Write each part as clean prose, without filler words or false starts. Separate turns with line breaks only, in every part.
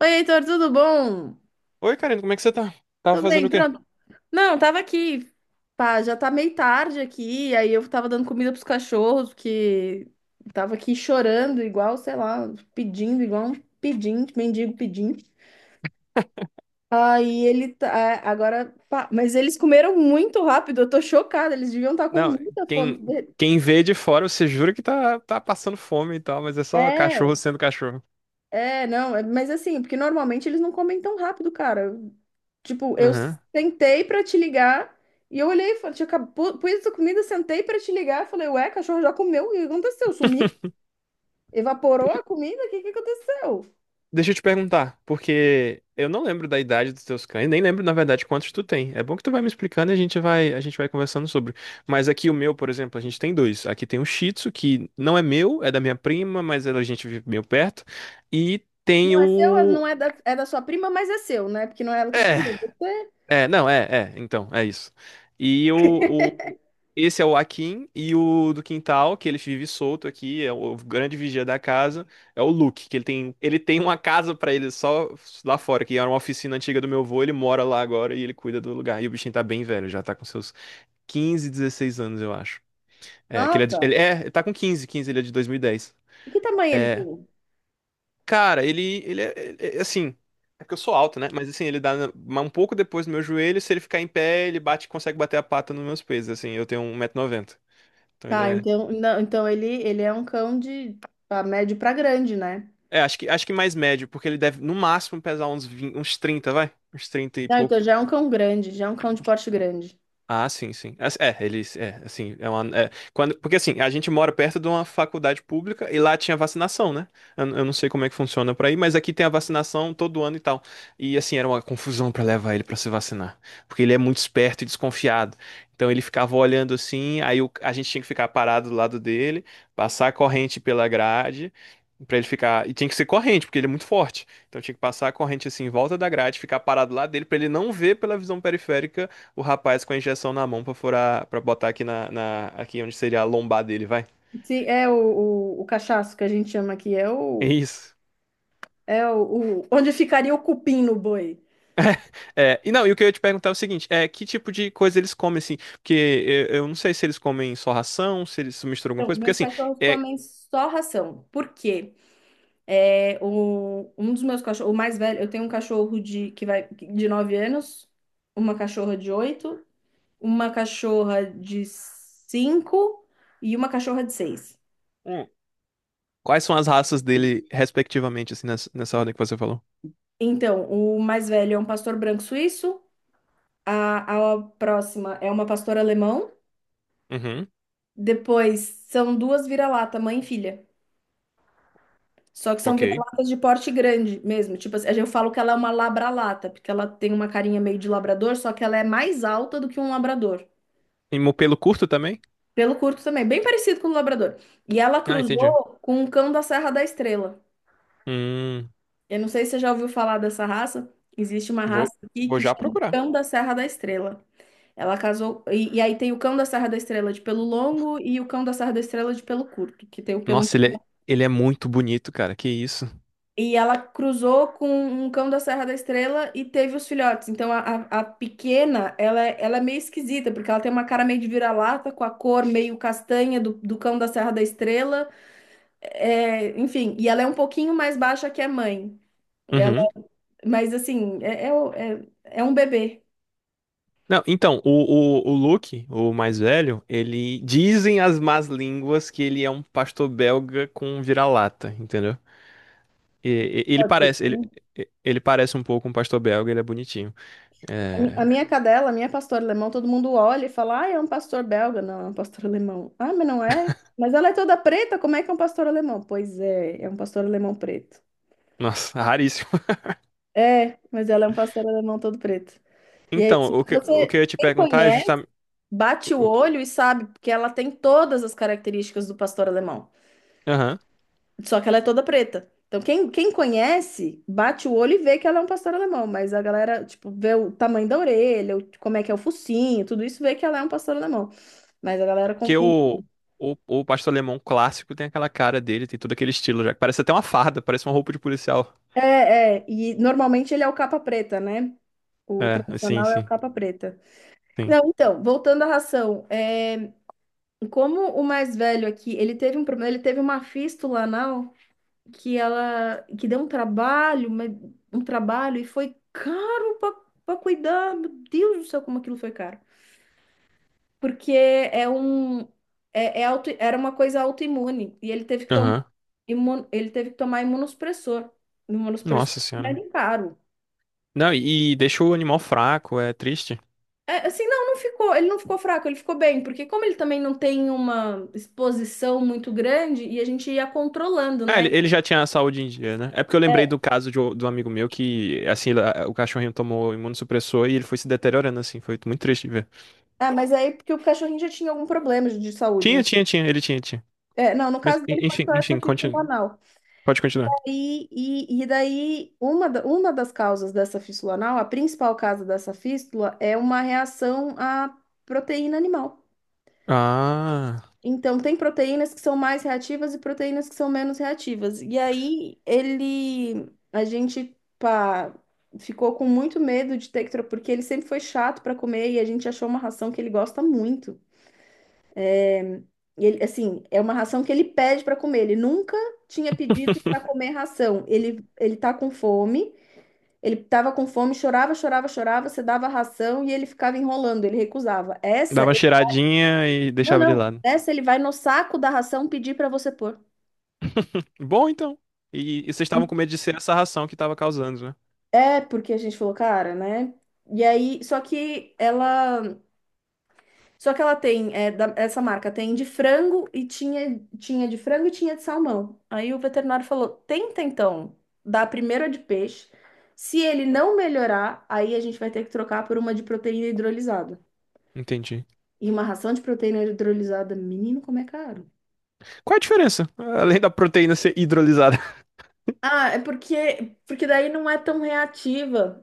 Oi, Heitor, tudo bom?
Oi, Karina, como é que você tá? Tava
Tô
fazendo
bem,
o quê?
pronto. Não, tava aqui. Pá, já tá meio tarde aqui, aí eu tava dando comida pros cachorros, que tava aqui chorando igual, sei lá, pedindo, igual um pedinte, mendigo pedindo. Aí ele tá, ah, agora, pá, mas eles comeram muito rápido, eu tô chocada, eles deviam estar com
Não,
muita fome.
quem, quem vê de fora, você jura que tá passando fome e tal, mas é só cachorro
É,
sendo cachorro.
é, não, mas assim, porque normalmente eles não comem tão rápido, cara. Tipo, eu
Aham.
sentei pra te ligar e eu olhei, e falei, tinha pus a comida, sentei pra te ligar, falei, ué, cachorro já comeu, o que aconteceu? Sumiu? Evaporou
Deixa
a comida? O que que aconteceu?
deixa eu te perguntar, porque eu não lembro da idade dos teus cães, nem lembro, na verdade, quantos tu tem. É bom que tu vai me explicando e a gente vai conversando sobre. Mas aqui o meu, por exemplo, a gente tem dois. Aqui tem um Shih Tzu, que não é meu, é da minha prima, mas a gente vive meio perto. E tem
Não é seu,
o...
não é da, é da sua prima, mas é seu, né? Porque não é ela que cuidou,
É.
você.
É, não, é, é, então, é isso. E esse é o Akin e o do quintal, que ele vive solto aqui, é o grande vigia da casa, é o Luke, que ele tem uma casa pra ele só lá fora, que era uma oficina antiga do meu avô, ele mora lá agora e ele cuida do lugar. E o bichinho tá bem velho, já tá com seus 15, 16 anos, eu acho. É, que ele é, de-
Nossa,
ele é, tá com 15. Ele é de 2010.
e que tamanho ele
É,
tem?
Cara, é assim. É porque eu sou alto, né? Mas assim, ele um pouco depois do meu joelho. Se ele ficar em pé, consegue bater a pata nos meus peitos. Assim, eu tenho um 190 noventa. Então ele
Ah,
é.
então, não, então ele é um cão de pra médio pra grande, né?
Acho que mais médio, porque ele deve no máximo pesar uns 20, uns 30 vai? Uns 30 e
Não, então
pouco.
já é um cão grande, já é um cão de porte grande.
Ah, sim, sim. As- É, eles, é, assim, é uma, é, quando, porque assim, a gente mora perto de uma faculdade pública e lá tinha vacinação, né? Eu não sei como é que funciona por aí, mas aqui tem a vacinação todo ano e tal. E assim, era uma confusão pra levar ele pra se vacinar, porque ele é muito esperto e desconfiado. Então ele ficava olhando assim, a gente tinha que ficar parado do lado dele, passar a corrente pela grade. Pra ele ficar. E tinha que ser corrente, porque ele é muito forte. Então tinha que passar a corrente assim em volta da grade, ficar parado lá dele, pra ele não ver pela visão periférica o rapaz com a injeção na mão pra furar, para botar aqui onde seria a lombar dele, vai.
Sim, é o cachaço que a gente chama aqui, é
É
o,
isso.
é o, o- onde ficaria o cupim no boi.
É, e não, e o que eu ia te perguntar é o seguinte, é que tipo de coisa eles comem assim? Porque eu não sei se eles comem só ração, se eles misturam alguma
Então,
coisa, porque
meus
assim,
cachorros
é,
comem só ração. Por quê? É, um dos meus cachorros, o mais velho, eu tenho um cachorro de, que vai, de 9 anos, uma cachorra de oito, uma cachorra de 5 e uma cachorra de seis.
hum, quais são as raças dele respectivamente assim nessa ordem que você falou?
Então, o mais velho é um pastor branco suíço, a próxima é uma pastora alemão,
Uhum,
depois são duas vira-lata, mãe e filha. Só que são
ok.
vira-latas de porte grande mesmo. Tipo assim, eu falo que ela é uma labralata, porque ela tem uma carinha meio de labrador, só que ela é mais alta do que um labrador.
E pelo curto também?
Pelo curto também, bem parecido com o labrador. E ela
Ah, entendi.
cruzou com um cão da Serra da Estrela.
Hum,
Eu não sei se você já ouviu falar dessa raça. Existe uma
vou,
raça aqui
vou
que
já
chama
procurar.
cão da Serra da Estrela. Ela casou. E aí tem o cão da Serra da Estrela de pelo longo e o cão da Serra da Estrela de pelo curto, que tem o pelo um.
Nossa, ele é, ele é muito bonito, cara. Que isso?
E ela cruzou com um cão da Serra da Estrela e teve os filhotes. Então a pequena, ela é meio esquisita, porque ela tem uma cara meio de vira-lata, com a cor meio castanha do cão da Serra da Estrela. É, enfim, e ela é um pouquinho mais baixa que a mãe. Ela,
Uhum.
mas assim, é um bebê.
Não, então, o Luke, o mais velho, ele. Dizem as más línguas que ele é um pastor belga com vira-lata, entendeu? E, e- ele
Pode ser que
parece, ele,
sim.
ele parece um pouco um pastor belga, ele é bonitinho.
A mi- a
É.
minha cadela, a minha pastora alemão, todo mundo olha e fala: Ah, é um pastor belga. Não, é um pastor alemão. Ah, mas não é? Mas ela é toda preta, como é que é um pastor alemão? Pois é, é um pastor alemão preto.
Nossa, raríssimo.
É, mas ela é um pastor alemão todo preto. E aí,
Então,
se
o que
você
eu ia te
quem
perguntar é
conhece,
justamente.
bate o
o-
olho e sabe, porque ela tem todas as características do pastor alemão.
Aham.
Só que ela é toda preta. Então, quem conhece, bate o olho e vê que ela é um pastor alemão. Mas a galera, tipo, vê o tamanho da orelha, como é que é o focinho, tudo isso, vê que ela é um pastor alemão. Mas a galera
Porque
confunde.
o pastor alemão clássico tem aquela cara dele, tem todo aquele estilo já. Parece até uma farda, parece uma roupa de policial.
É, é. E normalmente ele é o capa preta, né? O
É,
tradicional é o capa preta.
sim.
Não, então, voltando à ração. Como o mais velho aqui, ele teve um problema, ele teve uma fístula anal que ela que deu um trabalho, um trabalho e foi caro para cuidar. Meu Deus do céu, como aquilo foi caro. Porque é um era uma coisa autoimune e ele teve que tomar
Aham.
imunossupressor. Imunossupressor é
Nossa
um
senhora.
remédio caro.
Não, e deixa o animal fraco, é triste.
É, assim, não, não ficou, ele não ficou fraco, ele ficou bem, porque como ele também não tem uma exposição muito grande e a gente ia controlando,
É,
né?
ele já tinha a saúde em dia, né? É porque eu lembrei do caso do amigo meu que, assim, lá, o cachorrinho tomou imunossupressor e ele foi se deteriorando, assim. Foi muito triste de ver.
Ah, mas aí porque o cachorrinho já tinha algum problema de saúde, né?
Tinha.
É, não, no
Mas,
caso dele foi só essa
enfim,
fístula anal.
pode continuar.
E, e daí, uma das causas dessa fístula anal, a principal causa dessa fístula, é uma reação à proteína animal.
Ah,
Então, tem proteínas que são mais reativas e proteínas que são menos reativas. E aí, a gente, pá, ficou com muito medo de ter que, porque ele sempre foi chato para comer e a gente achou uma ração que ele gosta muito. E ele, assim, é uma ração que ele pede para comer. Ele nunca tinha pedido para comer ração. Ele tá com fome, ele tava com fome, chorava, chorava, chorava. Você dava ração e ele ficava enrolando, ele recusava. Essa,
dava uma cheiradinha e
não,
deixava de
não.
lado.
Essa ele vai no saco da ração pedir para você pôr.
Bom, então. E vocês estavam com medo de ser essa ração que tava causando, né?
É, porque a gente falou, cara, né? E aí, só que ela tem, essa marca tem de frango e tinha de frango e tinha de salmão. Aí o veterinário falou: tenta então dar primeiro a de peixe. Se ele não melhorar, aí a gente vai ter que trocar por uma de proteína hidrolisada.
Entendi.
E uma ração de proteína hidrolisada, menino, como é caro.
Qual é a diferença? Além da proteína ser hidrolisada.
Ah, é porque daí não é tão reativa.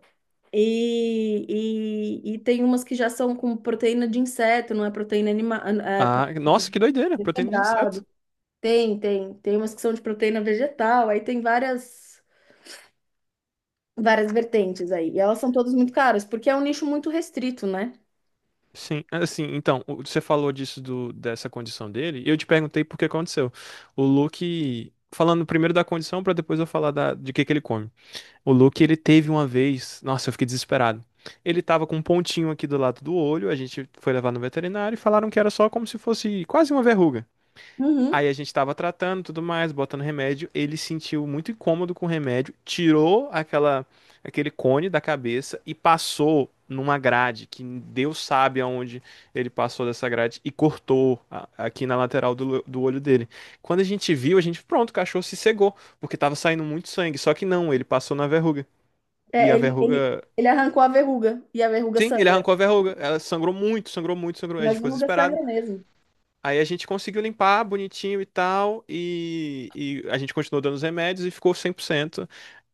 E tem umas que já são com proteína de inseto, não é proteína animal, é
Ah, nossa,
proteína.
que doideira, proteína de inseto.
Tem umas que são de proteína vegetal, aí tem várias vertentes aí. E elas são todas muito caras, porque é um nicho muito restrito, né?
Sim, é, assim, então, você falou disso dessa condição dele, e eu te perguntei por que aconteceu. O Luke, falando primeiro da condição, pra depois eu falar de que ele come. O Luke, ele teve uma vez, nossa, eu fiquei desesperado. Ele tava com um pontinho aqui do lado do olho, a gente foi levar no veterinário e falaram que era só como se fosse quase uma verruga.
Uhum.
Aí a gente tava tratando, tudo mais, botando remédio. Ele se sentiu muito incômodo com o remédio, tirou aquela aquele cone da cabeça e passou numa grade, que Deus sabe aonde ele passou dessa grade e cortou aqui na lateral do olho dele. Quando a gente viu, a gente, pronto, o cachorro se cegou, porque tava saindo muito sangue. Só que não, ele passou na verruga. E
É,
a verruga.
ele arrancou a verruga e a verruga
Sim, ele
sangra,
arrancou a verruga. Ela sangrou muito, sangrou muito, sangrou. A gente
mas
ficou
verruga
desesperado.
sangra mesmo.
Aí a gente conseguiu limpar bonitinho e tal, e a gente continuou dando os remédios e ficou 100%,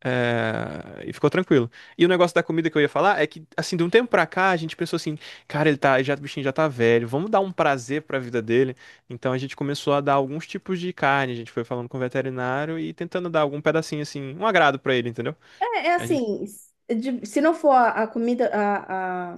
e ficou tranquilo. E o negócio da comida que eu ia falar é que, assim, de um tempo pra cá, a gente pensou assim, cara, o bichinho já tá velho, vamos dar um prazer pra vida dele. Então a gente começou a dar alguns tipos de carne, a gente foi falando com o veterinário e tentando dar algum pedacinho, assim, um agrado pra ele, entendeu?
É, é
A gente,
assim, se não for a comida, a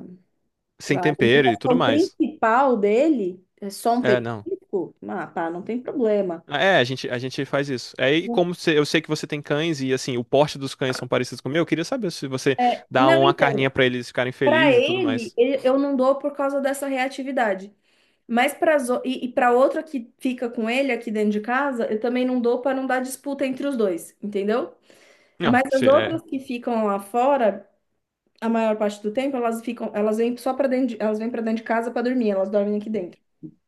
sem tempero e tudo
alimentação
mais.
principal dele, é só um
É, não.
petisco, ah, pá, não tem problema.
Ah, é, a gente faz isso. Aí,
Não,
como eu sei que você tem cães e assim, o porte dos cães são parecidos com o meu, eu queria saber se você
é,
dá
não,
uma carninha
então,
pra eles ficarem
para
felizes e tudo
ele,
mais.
eu não dou por causa dessa reatividade. Mas para e para outra que fica com ele aqui dentro de casa, eu também não dou para não dar disputa entre os dois, entendeu? Mas
Não,
as
se
outras
é.
que ficam lá fora, a maior parte do tempo, elas ficam, elas vêm só para dentro, elas vêm para dentro de casa para dormir, elas dormem aqui dentro.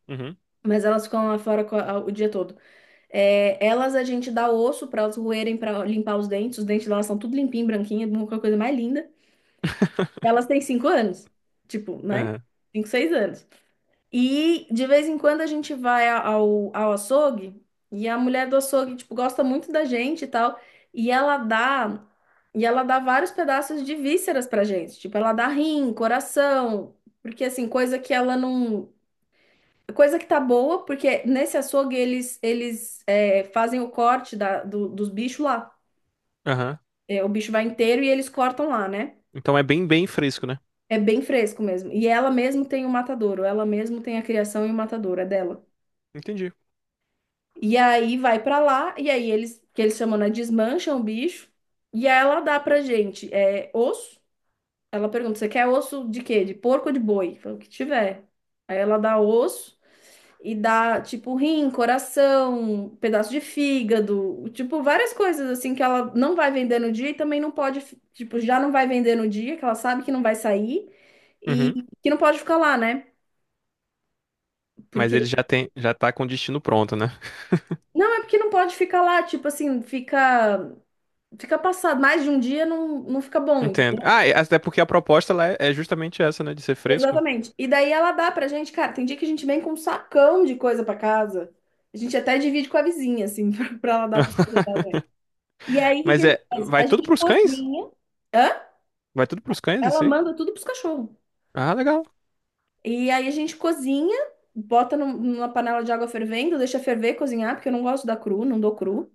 Uhum.
Mas elas ficam lá fora o dia todo. É, elas a gente dá osso para elas roerem para limpar os dentes. Os dentes delas são tudo limpinho, branquinho, uma coisa mais linda. Elas têm 5 anos, tipo, né?
Aham.
5, 6 anos. E de vez em quando a gente vai ao açougue e a mulher do açougue, tipo, gosta muito da gente e tal, e ela dá e ela dá vários pedaços de vísceras pra gente, tipo, ela dá rim, coração, porque assim, coisa que ela não coisa que tá boa, porque nesse açougue eles fazem o corte dos bichos lá.
Aham.
É, o bicho vai inteiro e eles cortam lá, né?
Então é bem fresco, né?
É bem fresco mesmo. E ela mesmo tem o matadouro, ela mesmo tem a criação e o matadouro, é dela.
Entendi.
E aí vai pra lá, e aí eles, que eles chamam, né, desmancham o bicho, e aí ela dá pra gente osso. Ela pergunta, você quer osso de quê? De porco ou de boi? Fala, o que tiver. Aí ela dá osso e dá, tipo, rim, coração, pedaço de fígado, tipo, várias coisas, assim, que ela não vai vender no dia e também não pode, tipo, já não vai vender no dia, que ela sabe que não vai sair e
Uhum.
que não pode ficar lá, né?
Mas
Porque,
ele já tem, já tá com o destino pronto, né?
não, é porque não pode ficar lá, tipo assim, Fica passado, mais de um dia não fica bom,
Entendo.
entendeu?
Ah, e até porque a proposta lá é justamente essa, né? De ser fresco.
Exatamente. E daí ela dá pra gente, cara, tem dia que a gente vem com um sacão de coisa pra casa. A gente até divide com a vizinha, assim, pra ela dar pros cachorros. E aí, o que que
Mas
a gente
é,
faz? A
vai tudo
gente
pros cães?
cozinha, hã?
Vai tudo pros cães,
Ela
isso aí?
manda tudo pros cachorros.
Ah, legal.
E aí a gente cozinha, bota numa panela de água fervendo, deixa ferver, cozinhar, porque eu não gosto da cru, não dou cru.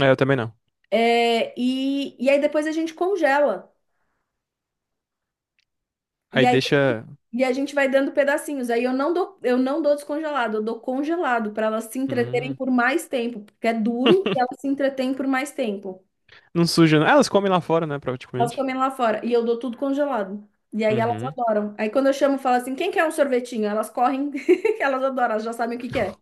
É, eu também não.
É, e aí depois a gente congela. e
Aí
aí
deixa.
E a gente vai dando pedacinhos. Aí eu não dou descongelado, eu dou congelado para elas se entreterem
Hum.
por mais tempo, porque é duro e elas se entretêm por mais tempo.
Não suja, não. Ah, elas comem lá fora, né,
Elas
praticamente.
comem lá fora e eu dou tudo congelado. E aí elas
Uhum.
adoram. Aí quando eu chamo, falo assim: quem quer um sorvetinho? Elas correm, elas adoram, elas já sabem o que que é.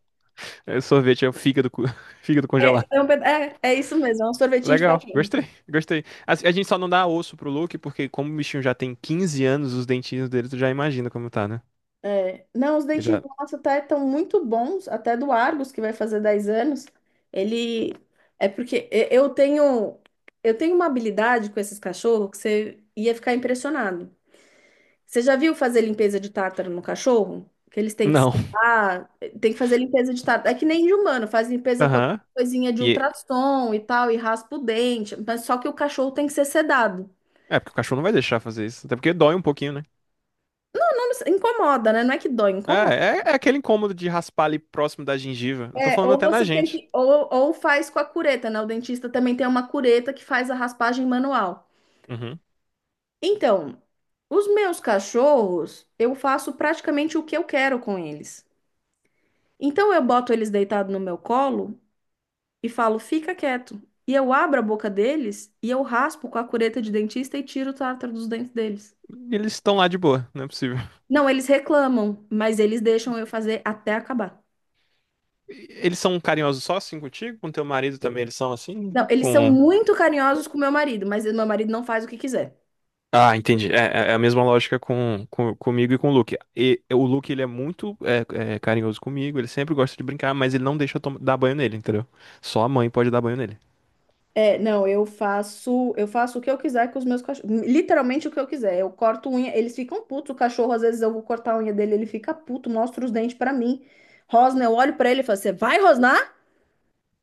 É, sorvete é o fígado, fígado
É,
congelado.
é isso mesmo, é um sorvetinho de
Legal,
cachorro.
gostei. A gente só não dá osso pro Luke, porque como o bichinho já tem 15 anos, os dentinhos dele, tu já imagina como tá, né?
Não, os
Ele
dentinhos
já...
do nosso até estão muito bons, até do Argos, que vai fazer 10 anos. Ele é porque eu tenho uma habilidade com esses cachorros que você ia ficar impressionado. Você já viu fazer limpeza de tártaro no cachorro? Que eles têm que
Não.
secar, tem que fazer limpeza de tártaro. É que nem de humano, faz limpeza com a
Aham.
coisinha de
E...
ultrassom e tal, e raspa o dente, mas só que o cachorro tem que ser sedado.
É, porque o cachorro não vai deixar fazer isso. Até porque dói um pouquinho, né?
Não, não incomoda, né? Não é que dói, incomoda.
É aquele incômodo de raspar ali próximo da gengiva. Eu tô
É,
falando
ou
até na
você tem
gente.
que, ou faz com a cureta, né? O dentista também tem uma cureta que faz a raspagem manual.
Uhum.
Então, os meus cachorros, eu faço praticamente o que eu quero com eles. Então, eu boto eles deitados no meu colo e falo, fica quieto. E eu abro a boca deles e eu raspo com a cureta de dentista e tiro o tártaro dos dentes deles.
Eles estão lá de boa, não é possível.
Não, eles reclamam, mas eles deixam eu fazer até acabar.
E eles são carinhosos só assim contigo? Com teu marido também eles são assim?
Não, eles são
Com
muito carinhosos com meu marido, mas meu marido não faz o que quiser.
Ah, entendi. É, é é a mesma lógica comigo e com o Luke. E, o Luke, ele é muito carinhoso comigo, ele sempre gosta de brincar, mas ele não deixa eu dar banho nele, entendeu? Só a mãe pode dar banho nele.
É, não, eu faço o que eu quiser com os meus cachorros, literalmente o que eu quiser. Eu corto unha, eles ficam putos, o cachorro às vezes eu vou cortar a unha dele, ele fica puto, mostra os dentes pra mim. Rosna, eu olho pra ele e falo: "Você vai rosnar?"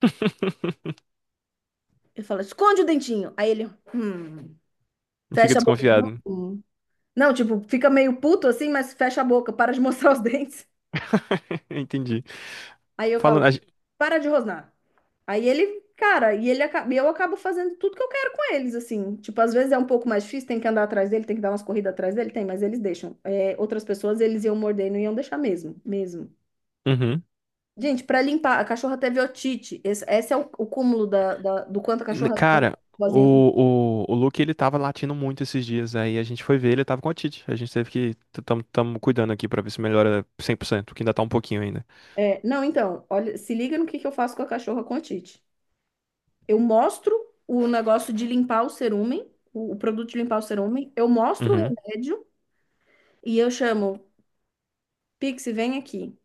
Eu falo: "Esconde o dentinho". Aí ele, hum,
Fica
fecha a boca.
desconfiado.
Hum. Não, tipo, fica meio puto assim, mas fecha a boca, para de mostrar os dentes.
Entendi.
Aí eu
Falando.
falo, para de rosnar. Aí ele, cara, e eu acabo fazendo tudo que eu quero com eles, assim. Tipo, às vezes é um pouco mais difícil, tem que andar atrás dele, tem que dar umas corridas atrás dele, tem, mas eles deixam. É, outras pessoas, eles iam morder e não iam deixar mesmo, mesmo.
Uhum.
Gente, para limpar, a cachorra teve otite. Esse é o cúmulo do quanto a cachorra é
Cara,
boazinha
o Luke ele tava latindo muito esses dias. Aí a gente foi ver, ele tava com a Tite. A gente teve que. Tamo cuidando aqui pra ver se melhora 100%, que ainda tá um pouquinho ainda.
É, não, então, olha, se liga no que eu faço com a cachorra com otite. Eu mostro o negócio de limpar o cerúmen, o produto de limpar o cerúmen, eu mostro o
Uhum.
remédio e eu chamo. Pixie, vem aqui.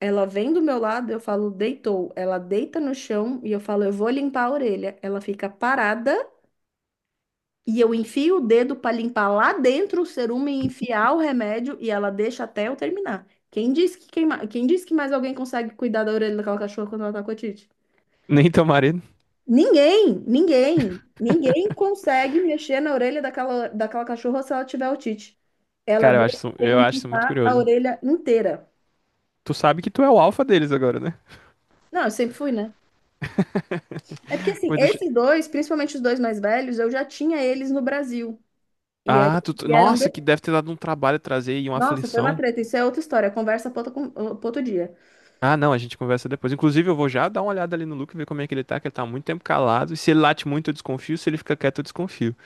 Ela vem do meu lado, eu falo, deitou. Ela deita no chão e eu falo, eu vou limpar a orelha. Ela fica parada e eu enfio o dedo pra limpar lá dentro o cerume e enfiar o remédio e ela deixa até eu terminar. Quem disse quem disse que mais alguém consegue cuidar da orelha daquela cachorra quando ela tá com otite?
Nem teu marido.
Ninguém, ninguém, ninguém consegue mexer na orelha daquela cachorra se ela tiver otite. Ela
Cara,
deixa eu
eu acho isso muito
limpar a
curioso.
orelha inteira.
Tu sabe que tu é o alfa deles agora, né?
Não, eu sempre fui, né? É porque assim,
Pois deixa...
esses dois, principalmente os dois mais velhos, eu já tinha eles no Brasil. E aí
Ah,
eles vieram de.
nossa, que deve ter dado um trabalho trazer e uma
Nossa, foi uma
aflição.
treta. Isso é outra história. Conversa pra outro dia.
Ah, não, a gente conversa depois. Inclusive, eu vou já dar uma olhada ali no Luke, ver como é que ele tá há muito tempo calado. E se ele late muito, eu desconfio. Se ele fica quieto, eu desconfio.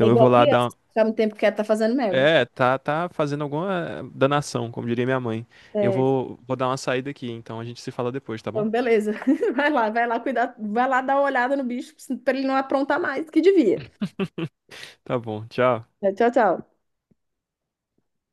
É
eu vou
igual
lá dar.
criança. Ficar um tempo quieto tá fazendo merda.
É, tá fazendo alguma danação, como diria minha mãe. Eu
É,
vou dar uma saída aqui, então a gente se fala depois, tá bom?
então, beleza. Vai lá cuidar. Vai lá dar uma olhada no bicho pra ele não aprontar mais que devia.
Tá bom, tchau.
É, tchau, tchau.